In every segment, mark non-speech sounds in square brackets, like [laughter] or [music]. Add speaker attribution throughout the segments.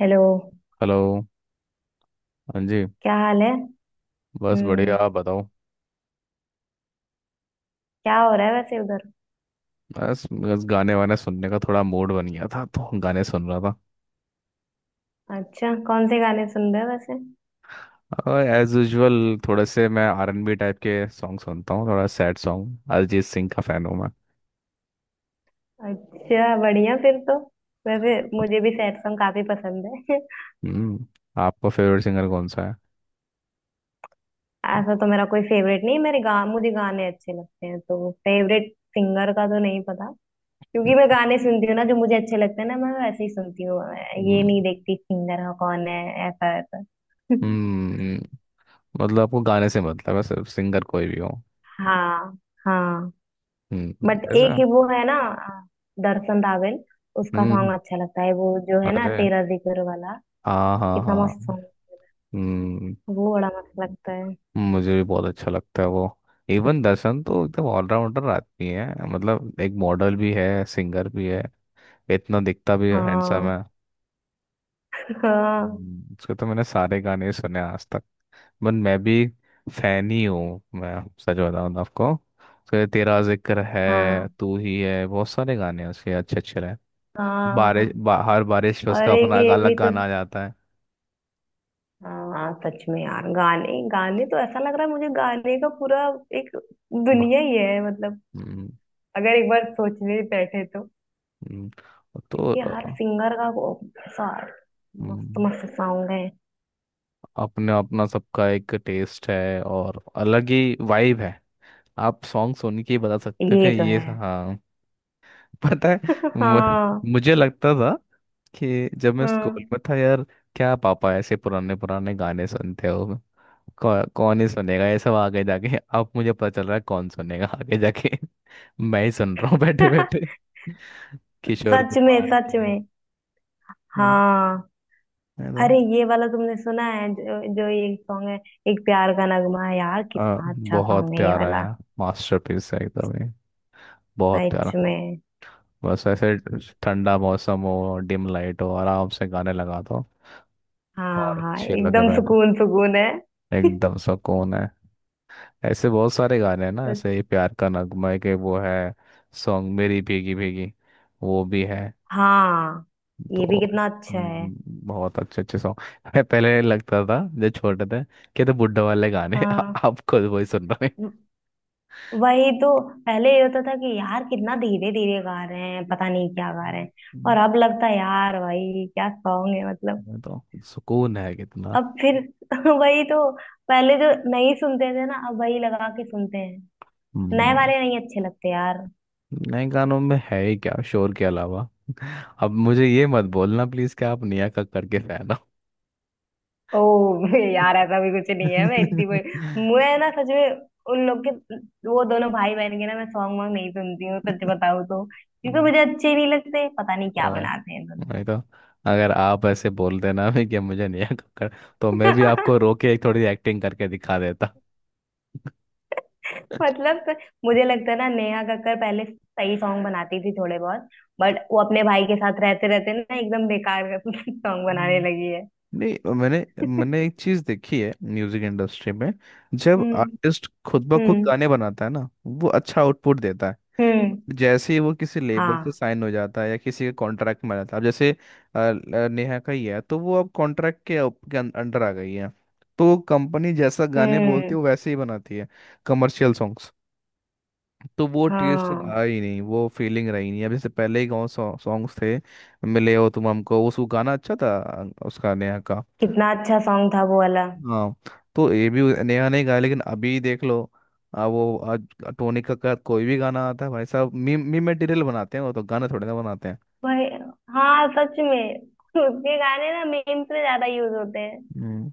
Speaker 1: Hello.
Speaker 2: Hello. हाँ जी।
Speaker 1: क्या हाल है?
Speaker 2: बस बढ़िया,
Speaker 1: हम्म।
Speaker 2: आप बताओ।
Speaker 1: क्या हो रहा है वैसे उधर?
Speaker 2: बस बस गाने वाने सुनने का थोड़ा मूड बन गया था, तो गाने सुन रहा था।
Speaker 1: अच्छा, कौन से गाने सुन रहे हो वैसे?
Speaker 2: और एज यूजुअल थोड़े से मैं आरएनबी टाइप के सॉन्ग सुनता हूँ, थोड़ा सैड सॉन्ग, अरिजीत सिंह का फ़ैन हूँ मैं।
Speaker 1: अच्छा, बढ़िया फिर तो। वैसे मुझे भी सैड सॉन्ग काफी पसंद है। [laughs]
Speaker 2: हम्म। आपका फेवरेट सिंगर कौन सा है?
Speaker 1: ऐसा तो मेरा कोई फेवरेट नहीं है, मेरे गा मुझे गाने अच्छे लगते हैं तो फेवरेट सिंगर का तो नहीं पता। क्योंकि मैं गाने सुनती हूँ ना जो मुझे अच्छे लगते हैं ना, मैं वैसे ही सुनती हूँ। मैं ये
Speaker 2: हम्म।
Speaker 1: नहीं देखती सिंगर का कौन है। ऐसा ऐसा। [laughs]
Speaker 2: हम्म। मतलब आपको गाने से मतलब है, सिर्फ सिंगर कोई भी हो।
Speaker 1: हाँ, हाँ। बट एक
Speaker 2: ऐसा।
Speaker 1: ही वो है ना, दर्शन रावल। उसका
Speaker 2: हम्म।
Speaker 1: सॉन्ग अच्छा लगता है, वो जो है ना
Speaker 2: अरे
Speaker 1: तेरा जिक्र वाला।
Speaker 2: हाँ हाँ
Speaker 1: कितना मस्त
Speaker 2: हाँ।
Speaker 1: सॉन्ग।
Speaker 2: हम्म।
Speaker 1: वो बड़ा मस्त लगता है।
Speaker 2: मुझे भी बहुत अच्छा लगता है वो। इवन दर्शन तो एकदम ऑलराउंडर आदमी है, मतलब एक मॉडल भी है, सिंगर भी है। इतना दिखता भी हैंडसम
Speaker 1: हाँ,
Speaker 2: है।
Speaker 1: हाँ,
Speaker 2: हम्म। उसके तो मैंने सारे गाने सुने हैं आज तक। बट मैं भी फैन ही हूँ मैं। सच बताऊँ तो आपको, उसके तेरा जिक्र है,
Speaker 1: हाँ,
Speaker 2: तू ही है, बहुत सारे गाने हैं उसके अच्छे अच्छे रहे।
Speaker 1: हाँ।
Speaker 2: हर बारिश पे
Speaker 1: और
Speaker 2: उसका
Speaker 1: एक
Speaker 2: अपना एक
Speaker 1: ये
Speaker 2: अलग
Speaker 1: भी तो।
Speaker 2: गाना आ जाता है।
Speaker 1: हाँ सच में यार, गाने गाने तो ऐसा लग रहा है मुझे गाने का पूरा एक
Speaker 2: वाह।
Speaker 1: दुनिया ही है मतलब।
Speaker 2: हम्म।
Speaker 1: अगर एक बार सोचने बैठे तो।
Speaker 2: हम्म। तो
Speaker 1: क्योंकि हर
Speaker 2: अ,
Speaker 1: सिंगर का वो ऐसा मस्त
Speaker 2: हम्म।
Speaker 1: मस्त सॉन्ग है।
Speaker 2: अपना अपना सबका एक टेस्ट है और अलग ही वाइब है। आप सॉन्ग सुन के ही बता सकते हो कि
Speaker 1: ये तो
Speaker 2: ये
Speaker 1: है।
Speaker 2: हाँ। [laughs] पता है।
Speaker 1: [laughs]
Speaker 2: मु-
Speaker 1: हाँ,
Speaker 2: मुझे लगता था कि जब मैं
Speaker 1: हाँ।
Speaker 2: स्कूल में था यार, क्या पापा ऐसे पुराने पुराने गाने सुनते हो? कौन ही सुनेगा ये सब आगे जाके? अब मुझे पता चल रहा है कौन सुनेगा आगे जाके। [laughs] मैं ही सुन रहा हूँ बैठे
Speaker 1: [laughs]
Speaker 2: बैठे। [laughs] किशोर
Speaker 1: सच में,
Speaker 2: कुमार के
Speaker 1: सच
Speaker 2: है
Speaker 1: में।
Speaker 2: ना।
Speaker 1: हाँ।
Speaker 2: है ना?
Speaker 1: अरे ये वाला तुमने सुना है, जो ये सॉन्ग है, एक प्यार का नगमा है यार,
Speaker 2: हाँ।
Speaker 1: कितना अच्छा
Speaker 2: बहुत
Speaker 1: सॉन्ग है ये
Speaker 2: प्यारा
Speaker 1: वाला।
Speaker 2: है, मास्टरपीस है एकदम ही। बहुत
Speaker 1: सच
Speaker 2: प्यारा।
Speaker 1: में।
Speaker 2: बस ऐसे ठंडा मौसम हो, डिम लाइट हो, आराम से गाने लगा दो
Speaker 1: हाँ,
Speaker 2: और
Speaker 1: हाँ
Speaker 2: चिल होके
Speaker 1: एकदम
Speaker 2: बैठ जाओ।
Speaker 1: सुकून सुकून है। [laughs]
Speaker 2: एकदम सुकून है। ऐसे बहुत सारे गाने हैं ना,
Speaker 1: सच-
Speaker 2: ऐसे ही प्यार का नगमा है के वो है, सॉन्ग मेरी भीगी भीगी वो भी है।
Speaker 1: हाँ,
Speaker 2: तो
Speaker 1: ये भी कितना अच्छा है।
Speaker 2: बहुत अच्छे अच्छे सॉन्ग। मैं पहले लगता था जब छोटे थे कि ये तो बुड्ढे वाले गाने हैं।
Speaker 1: हाँ,
Speaker 2: [laughs] अब खुद वही सुन रहे हैं।
Speaker 1: व- वही तो। पहले ये होता था कि यार कितना धीरे धीरे गा रहे हैं, पता नहीं क्या गा रहे हैं।
Speaker 2: हम्म,
Speaker 1: और अब लगता है यार, भाई क्या सॉन्ग है मतलब।
Speaker 2: तो सुकून है कितना।
Speaker 1: अब फिर [laughs] वही तो। पहले जो नहीं सुनते थे ना, अब वही लगा के सुनते हैं। नए
Speaker 2: हम्म।
Speaker 1: वाले नहीं अच्छे लगते यार।
Speaker 2: नए गानों में है ही क्या शोर के अलावा। अब मुझे ये मत बोलना प्लीज कि आप नेहा कक्कड़ के फैन हो। [laughs]
Speaker 1: ओ [laughs] यार ऐसा भी कुछ नहीं है, मैं इतनी कोई। मैं ना सच में उन लोग के, वो दोनों भाई बहन के ना मैं सॉन्ग वॉन्ग नहीं सुनती हूँ सच बताऊँ तो, क्योंकि
Speaker 2: हम्म,
Speaker 1: मुझे अच्छे नहीं लगते, पता नहीं क्या
Speaker 2: और
Speaker 1: बनाते हैं दोनों
Speaker 2: नहीं तो। अगर आप ऐसे बोल देना भी कि मुझे नेहा कक्कड़, तो मैं
Speaker 1: लोग।
Speaker 2: भी आपको रो के एक थोड़ी एक्टिंग करके दिखा देता। [laughs]
Speaker 1: [laughs] मतलब तो मुझे लगता है ना नेहा कक्कर पहले सही सॉन्ग बनाती थी थोड़े बहुत, बट वो अपने भाई के साथ रहते रहते ना एकदम बेकार [laughs] सॉन्ग बनाने
Speaker 2: हम्म।
Speaker 1: लगी है।
Speaker 2: नहीं, मैंने मैंने एक चीज देखी है म्यूजिक इंडस्ट्री में। जब
Speaker 1: हम्म,
Speaker 2: आर्टिस्ट खुद ब खुद
Speaker 1: हम्म,
Speaker 2: गाने बनाता है ना, वो अच्छा आउटपुट देता है।
Speaker 1: हम्म।
Speaker 2: जैसे ही वो किसी लेबर से
Speaker 1: हाँ।
Speaker 2: साइन हो जाता है या किसी के कॉन्ट्रैक्ट में आ जाता है, अब जैसे नेहा का ही है, तो वो अब कॉन्ट्रैक्ट के अंडर आ गई है। तो कंपनी जैसा गाने बोलती है
Speaker 1: हम्म।
Speaker 2: वो वैसे ही बनाती है। Commercial songs. तो वो टेस्ट
Speaker 1: हाँ,
Speaker 2: रहा ही नहीं, वो फीलिंग रही नहीं, अब जैसे पहले ही गाँव सॉन्ग्स थे, मिले हो तुम हमको, उस वो गाना अच्छा था, उसका नेहा का।
Speaker 1: कितना अच्छा सॉन्ग था वो वाला।
Speaker 2: हाँ। तो ये भी नेहा ने गाया, लेकिन अभी देख लो। आ, वो आज टोनी कक्कड़ कोई भी गाना आता है, भाई साहब मीम मीम मटेरियल बनाते हैं, वो तो गाना थोड़े ना बनाते हैं।
Speaker 1: वही। हाँ, सच में। उसके गाने ना मीम्स में ज्यादा यूज होते हैं।
Speaker 2: हम्म,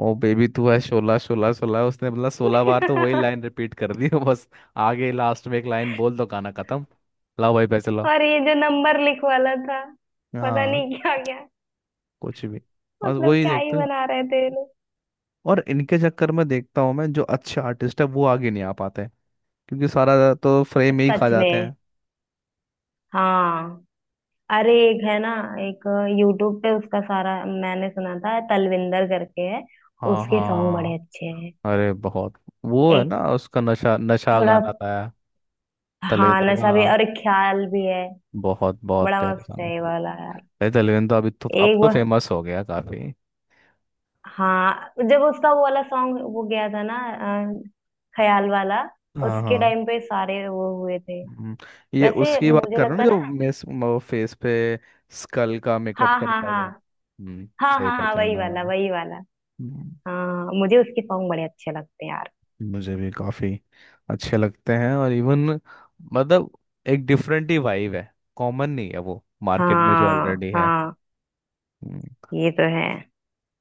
Speaker 2: ओ बेबी तू है शोला शोला शोला, उसने मतलब 16 बार तो वही लाइन
Speaker 1: [laughs]
Speaker 2: रिपीट कर दी। [laughs] बस आगे लास्ट में एक लाइन बोल दो, गाना खत्म। लाओ भाई पैसे लाओ।
Speaker 1: और ये जो नंबर लिख वाला था, पता
Speaker 2: हाँ।
Speaker 1: नहीं क्या क्या।
Speaker 2: कुछ भी। बस
Speaker 1: मतलब
Speaker 2: वही
Speaker 1: क्या ही
Speaker 2: देखते हैं।
Speaker 1: बना रहे थे ये लोग।
Speaker 2: और इनके चक्कर में देखता हूँ मैं, जो अच्छे आर्टिस्ट है वो आगे नहीं आ पाते, क्योंकि सारा तो फ्रेम ही खा
Speaker 1: सच
Speaker 2: जाते
Speaker 1: में।
Speaker 2: हैं।
Speaker 1: हाँ। अरे एक है ना, एक यूट्यूब पे उसका सारा मैंने सुना था, तलविंदर करके है।
Speaker 2: हाँ
Speaker 1: उसके सॉन्ग बड़े
Speaker 2: हाँ।
Speaker 1: अच्छे हैं।
Speaker 2: अरे बहुत। वो है
Speaker 1: एक
Speaker 2: ना, उसका नशा नशा
Speaker 1: थोड़ा।
Speaker 2: गाना था
Speaker 1: हाँ
Speaker 2: तलविंदर का।
Speaker 1: नशा भी और एक ख्याल भी है।
Speaker 2: बहुत बहुत
Speaker 1: बड़ा
Speaker 2: प्यारा
Speaker 1: मस्त है ये
Speaker 2: सॉन्ग है।
Speaker 1: वाला यार।
Speaker 2: अरे तलविंदर तो अभी तो
Speaker 1: एक
Speaker 2: अब तो
Speaker 1: वो।
Speaker 2: फेमस हो गया काफी।
Speaker 1: हाँ जब उसका वो वाला सॉन्ग वो गया था ना, अ, ख्याल वाला।
Speaker 2: हाँ
Speaker 1: उसके
Speaker 2: हाँ।
Speaker 1: टाइम पे सारे वो हुए थे।
Speaker 2: हम्म, ये
Speaker 1: वैसे
Speaker 2: उसकी बात
Speaker 1: मुझे
Speaker 2: कर रहे हो
Speaker 1: लगता
Speaker 2: ना, जो
Speaker 1: ना।
Speaker 2: मेस वो फेस पे स्कल का मेकअप
Speaker 1: हाँ, हाँ,
Speaker 2: करता
Speaker 1: हाँ।
Speaker 2: है, हम्म।
Speaker 1: हाँ,
Speaker 2: सही
Speaker 1: हाँ, हाँ वही
Speaker 2: पहचाना
Speaker 1: वाला,
Speaker 2: मैंने।
Speaker 1: वही वाला।
Speaker 2: हम्म,
Speaker 1: हाँ मुझे उसके सॉन्ग बड़े अच्छे लगते हैं यार।
Speaker 2: मुझे भी काफी अच्छे लगते हैं, और इवन मतलब एक डिफरेंट ही वाइब है, कॉमन नहीं है वो मार्केट में जो
Speaker 1: हाँ,
Speaker 2: ऑलरेडी है।
Speaker 1: हाँ।
Speaker 2: हम्म।
Speaker 1: ये तो है।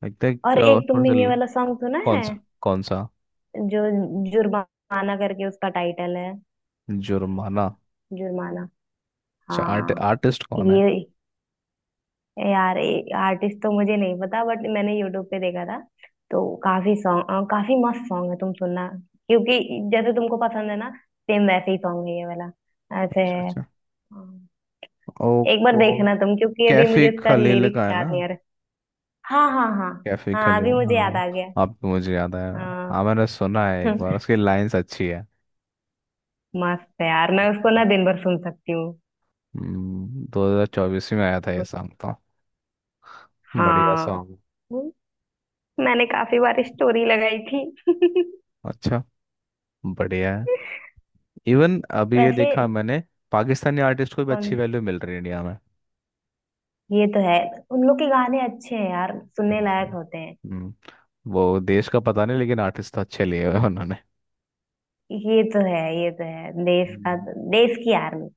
Speaker 2: लगता है कि
Speaker 1: और एक
Speaker 2: थोड़ा
Speaker 1: तुमने
Speaker 2: सा
Speaker 1: ये
Speaker 2: ल-
Speaker 1: वाला सॉन्ग सुना
Speaker 2: कौन
Speaker 1: है
Speaker 2: सा कौन सा?
Speaker 1: जो, जुर्माना करके उसका टाइटल है।
Speaker 2: जुर्माना।
Speaker 1: जुर्माना।
Speaker 2: अच्छा आर्ट
Speaker 1: हाँ।
Speaker 2: आर्टिस्ट कौन है?
Speaker 1: ये यार, आर्टिस्ट तो मुझे नहीं पता बट मैंने यूट्यूब पे देखा था, तो काफी सॉन्ग, काफी मस्त सॉन्ग है, तुम सुनना। क्योंकि जैसे तुमको पसंद है ना, सेम वैसे ही सॉन्ग है ये वाला। ऐसे
Speaker 2: अच्छा
Speaker 1: है।
Speaker 2: अच्छा।
Speaker 1: अम,
Speaker 2: ओ।
Speaker 1: एक बार
Speaker 2: ओ।
Speaker 1: देखना तुम, क्योंकि अभी
Speaker 2: कैफे
Speaker 1: मुझे इसका
Speaker 2: खलील
Speaker 1: लिरिक्स
Speaker 2: का है ना?
Speaker 1: याद नहीं आ रहा। हाँ, हाँ, हाँ।
Speaker 2: कैफे
Speaker 1: हाँ अभी
Speaker 2: खलेगा,
Speaker 1: मुझे याद
Speaker 2: हाँ।
Speaker 1: आ गया।
Speaker 2: अब तो मुझे याद आया।
Speaker 1: हाँ।
Speaker 2: हाँ मैंने सुना है एक
Speaker 1: [laughs]
Speaker 2: बार, उसकी लाइंस अच्छी है।
Speaker 1: मस्त है यार, मैं उसको ना दिन भर सुन सकती हूँ।
Speaker 2: 2024 में आया था ये सॉन्ग तो। बढ़िया
Speaker 1: हाँ
Speaker 2: सॉन्ग।
Speaker 1: मैंने काफी बार स्टोरी लगाई थी। [laughs]
Speaker 2: अच्छा, बढ़िया है। इवन अभी ये
Speaker 1: वैसे।
Speaker 2: देखा मैंने, पाकिस्तानी आर्टिस्ट को भी
Speaker 1: कौन?
Speaker 2: अच्छी वैल्यू मिल रही है इंडिया में।
Speaker 1: ये तो है। उन लोग के गाने अच्छे हैं यार, सुनने लायक
Speaker 2: हम्म।
Speaker 1: होते हैं।
Speaker 2: हम्म, वो देश का पता नहीं, लेकिन आर्टिस्ट तो अच्छे लिए हुए हैं
Speaker 1: ये तो है, ये तो है। देश का।
Speaker 2: उन्होंने।
Speaker 1: देश की आर्मी।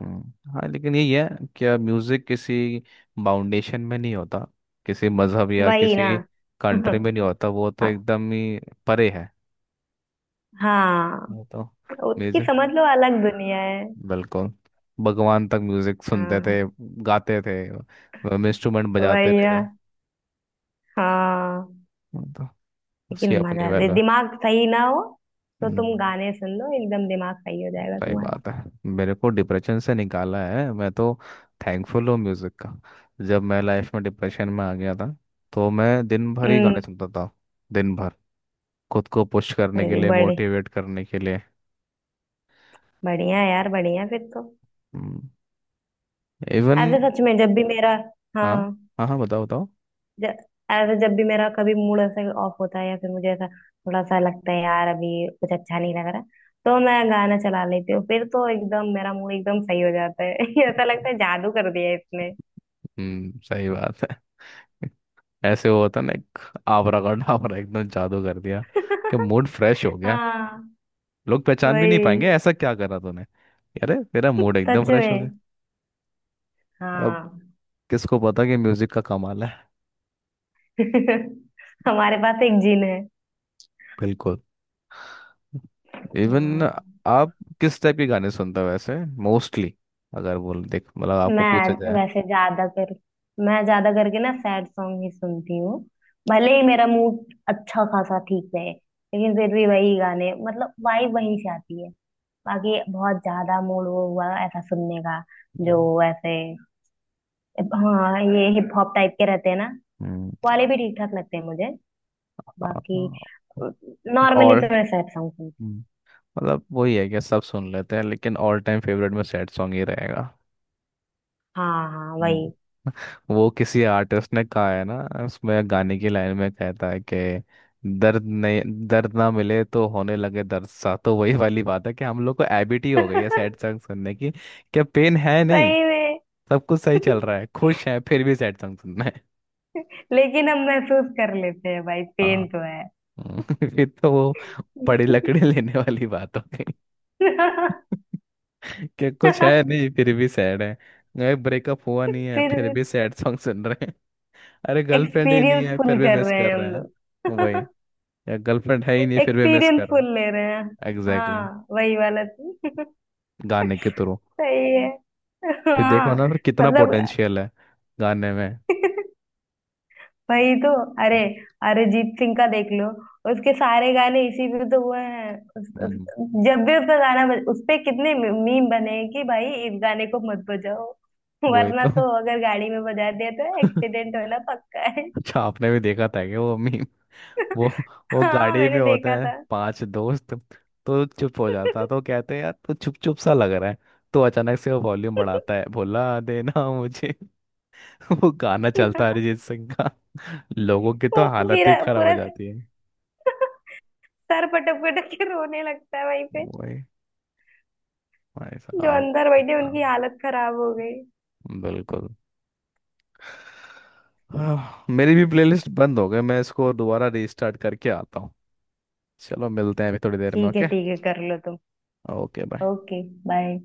Speaker 2: हाँ लेकिन यही है, क्या म्यूजिक किसी फाउंडेशन में नहीं होता, किसी मजहब या
Speaker 1: वही ना।
Speaker 2: किसी कंट्री
Speaker 1: [laughs]
Speaker 2: में नहीं होता, वो तो एकदम ही परे है।
Speaker 1: हाँ।
Speaker 2: वो तो
Speaker 1: उसकी
Speaker 2: म्यूजिक,
Speaker 1: समझ लो अलग दुनिया है।
Speaker 2: बिल्कुल, भगवान तक म्यूजिक सुनते
Speaker 1: हाँ।
Speaker 2: थे, गाते थे, इंस्ट्रूमेंट बजाते
Speaker 1: वही
Speaker 2: भी
Speaker 1: ना।
Speaker 2: थे।
Speaker 1: हाँ।
Speaker 2: वो तो
Speaker 1: लेकिन
Speaker 2: उसकी अपनी
Speaker 1: मजा दे
Speaker 2: वैल्यू है।
Speaker 1: दिमाग सही ना हो, तो तुम
Speaker 2: हम्म।
Speaker 1: गाने सुन लो, एकदम दिमाग सही हो जाएगा
Speaker 2: सही
Speaker 1: तुम्हारा।
Speaker 2: बात है। मेरे को डिप्रेशन से निकाला है, मैं तो थैंकफुल हूँ म्यूज़िक का। जब मैं लाइफ में डिप्रेशन में आ गया था, तो मैं दिन भर ही गाने
Speaker 1: हम्म।
Speaker 2: सुनता था। दिन भर। खुद को पुश करने के
Speaker 1: अरे
Speaker 2: लिए,
Speaker 1: बड़े
Speaker 2: मोटिवेट करने के लिए।
Speaker 1: बढ़िया यार, बढ़िया फिर तो।
Speaker 2: इवन।
Speaker 1: ऐसे सच में जब भी मेरा। हाँ।
Speaker 2: हाँ। हाँ हाँ, बताओ बताओ।
Speaker 1: ज- ऐसे जब भी मेरा कभी मूड ऐसे ऑफ होता है या फिर मुझे ऐसा थोड़ा सा लगता है यार अभी कुछ अच्छा नहीं लग रहा, तो मैं गाना चला लेती हूँ, फिर तो एकदम मेरा मूड एकदम सही हो जाता है। [laughs] ऐसा लगता है जादू कर दिया है इसने।
Speaker 2: सही बात है। [laughs] ऐसे वो होता ना, एक आवरा का डावरा एकदम जादू कर दिया कि मूड फ्रेश हो गया।
Speaker 1: हाँ।
Speaker 2: लोग पहचान भी नहीं पाएंगे,
Speaker 1: वही।
Speaker 2: ऐसा क्या करा तूने? अरे तेरा मूड एकदम
Speaker 1: सच
Speaker 2: फ्रेश हो गया।
Speaker 1: में।
Speaker 2: अब
Speaker 1: हाँ।
Speaker 2: किसको पता कि म्यूजिक का कमाल है।
Speaker 1: [laughs] हमारे पास एक जिन है।
Speaker 2: बिल्कुल। इवन,
Speaker 1: हाँ।
Speaker 2: आप किस टाइप के गाने सुनते हो वैसे, मोस्टली? अगर बोल देख, मतलब आपको पूछा
Speaker 1: मैं
Speaker 2: जाए।
Speaker 1: वैसे ज्यादा कर मैं ज्यादा करके ना सैड सॉन्ग ही सुनती हूँ। भले ही मेरा मूड अच्छा खासा ठीक रहे लेकिन फिर भी वही गाने, मतलब वाइब वहीं से आती है। बाकी बहुत ज्यादा मूड वो हुआ ऐसा सुनने का जो ऐसे, हाँ ये हिप हॉप टाइप के रहते हैं ना
Speaker 2: हम्म।
Speaker 1: वाले भी ठीक ठाक लगते हैं मुझे। बाकी
Speaker 2: हाँ।
Speaker 1: नॉर्मली
Speaker 2: और।
Speaker 1: तो मैं सैड सॉन्ग सुनती हूँ।
Speaker 2: हम्म, मतलब वही है कि सब सुन लेते हैं, लेकिन ऑल टाइम फेवरेट में सैड सॉन्ग ही रहेगा।
Speaker 1: हाँ, हाँ
Speaker 2: हम्म,
Speaker 1: वही।
Speaker 2: वो किसी आर्टिस्ट ने कहा है ना, उसमें गाने की लाइन में कहता है कि, दर्द नहीं, दर्द ना मिले तो होने लगे दर्द सा, तो वही वाली बात है कि हम लोग को हैबिट ही हो गई है सैड
Speaker 1: [laughs]
Speaker 2: सॉन्ग सुनने की। क्या पेन है नहीं,
Speaker 1: सही में।
Speaker 2: सब कुछ सही चल
Speaker 1: [laughs]
Speaker 2: रहा है, खुश है, फिर भी सैड सॉन्ग सुनना है।
Speaker 1: लेकिन हम महसूस कर लेते हैं भाई, पेन
Speaker 2: हाँ।
Speaker 1: तो
Speaker 2: हम्म, [laughs] फिर तो वो पड़ी
Speaker 1: है।
Speaker 2: लकड़ी लेने वाली बात हो गई।
Speaker 1: [laughs]
Speaker 2: [laughs] कि
Speaker 1: फिर
Speaker 2: कुछ है नहीं फिर भी सैड है, ब्रेकअप हुआ नहीं है फिर भी सैड सॉन्ग सुन रहे। अरे, गर्लफ्रेंड ही नहीं
Speaker 1: एक्सपीरियंस
Speaker 2: है फिर
Speaker 1: फुल
Speaker 2: भी
Speaker 1: कर
Speaker 2: मिस
Speaker 1: रहे
Speaker 2: कर
Speaker 1: हैं
Speaker 2: रहे
Speaker 1: हम
Speaker 2: हैं। वही।
Speaker 1: लोग। [laughs]
Speaker 2: या गर्लफ्रेंड है ही नहीं फिर भी मिस
Speaker 1: एक्सपीरियंस
Speaker 2: कर रहे
Speaker 1: फुल
Speaker 2: हैं।
Speaker 1: ले रहे हैं।
Speaker 2: Exactly exactly।
Speaker 1: हाँ वही वाला तो। [laughs]
Speaker 2: गाने के थ्रू।
Speaker 1: सही है।
Speaker 2: ये देखो
Speaker 1: हाँ।
Speaker 2: ना, फिर कितना
Speaker 1: मतलब।
Speaker 2: पोटेंशियल है गाने में।
Speaker 1: [laughs] वही तो। अरे अरिजीत सिंह का देख लो, उसके सारे गाने इसी पे तो हुए हैं।
Speaker 2: हम्म,
Speaker 1: जब भी उसका गाना बज उस पे कितने मीम बने हैं कि भाई इस गाने को मत बजाओ। [laughs]
Speaker 2: वही
Speaker 1: वरना
Speaker 2: तो।
Speaker 1: तो अगर गाड़ी में बजा दिया तो एक्सीडेंट
Speaker 2: [laughs]
Speaker 1: होना पक्का है।
Speaker 2: अच्छा आपने भी देखा था कि वो मी वो
Speaker 1: [laughs]
Speaker 2: वो
Speaker 1: हाँ
Speaker 2: गाड़ी
Speaker 1: मैंने
Speaker 2: में होता
Speaker 1: देखा
Speaker 2: है,
Speaker 1: था।
Speaker 2: पांच दोस्त। तो चुप हो जाता, तो कहते हैं यार तो चुप चुप सा लग रहा है। तो अचानक से वो वॉल्यूम बढ़ाता है, भुला देना मुझे। [laughs] वो गाना चलता है
Speaker 1: वो
Speaker 2: अरिजीत सिंह का। [laughs] लोगों की तो हालत ही
Speaker 1: पूरा
Speaker 2: खराब हो
Speaker 1: पूरा
Speaker 2: जाती।
Speaker 1: सर पटक पटक के रोने लगता है वहीं पे।
Speaker 2: वही। भाई
Speaker 1: जो
Speaker 2: साहब।
Speaker 1: अंदर बैठे
Speaker 2: अपना।
Speaker 1: उनकी हालत खराब हो गई।
Speaker 2: बिल्कुल। हाँ, मेरी भी प्लेलिस्ट बंद हो गई, मैं इसको दोबारा रीस्टार्ट करके आता हूँ। चलो मिलते हैं अभी थोड़ी देर में,
Speaker 1: ठीक है,
Speaker 2: ओके।
Speaker 1: ठीक है कर लो तुम।
Speaker 2: Okay, bye.
Speaker 1: Okay, bye.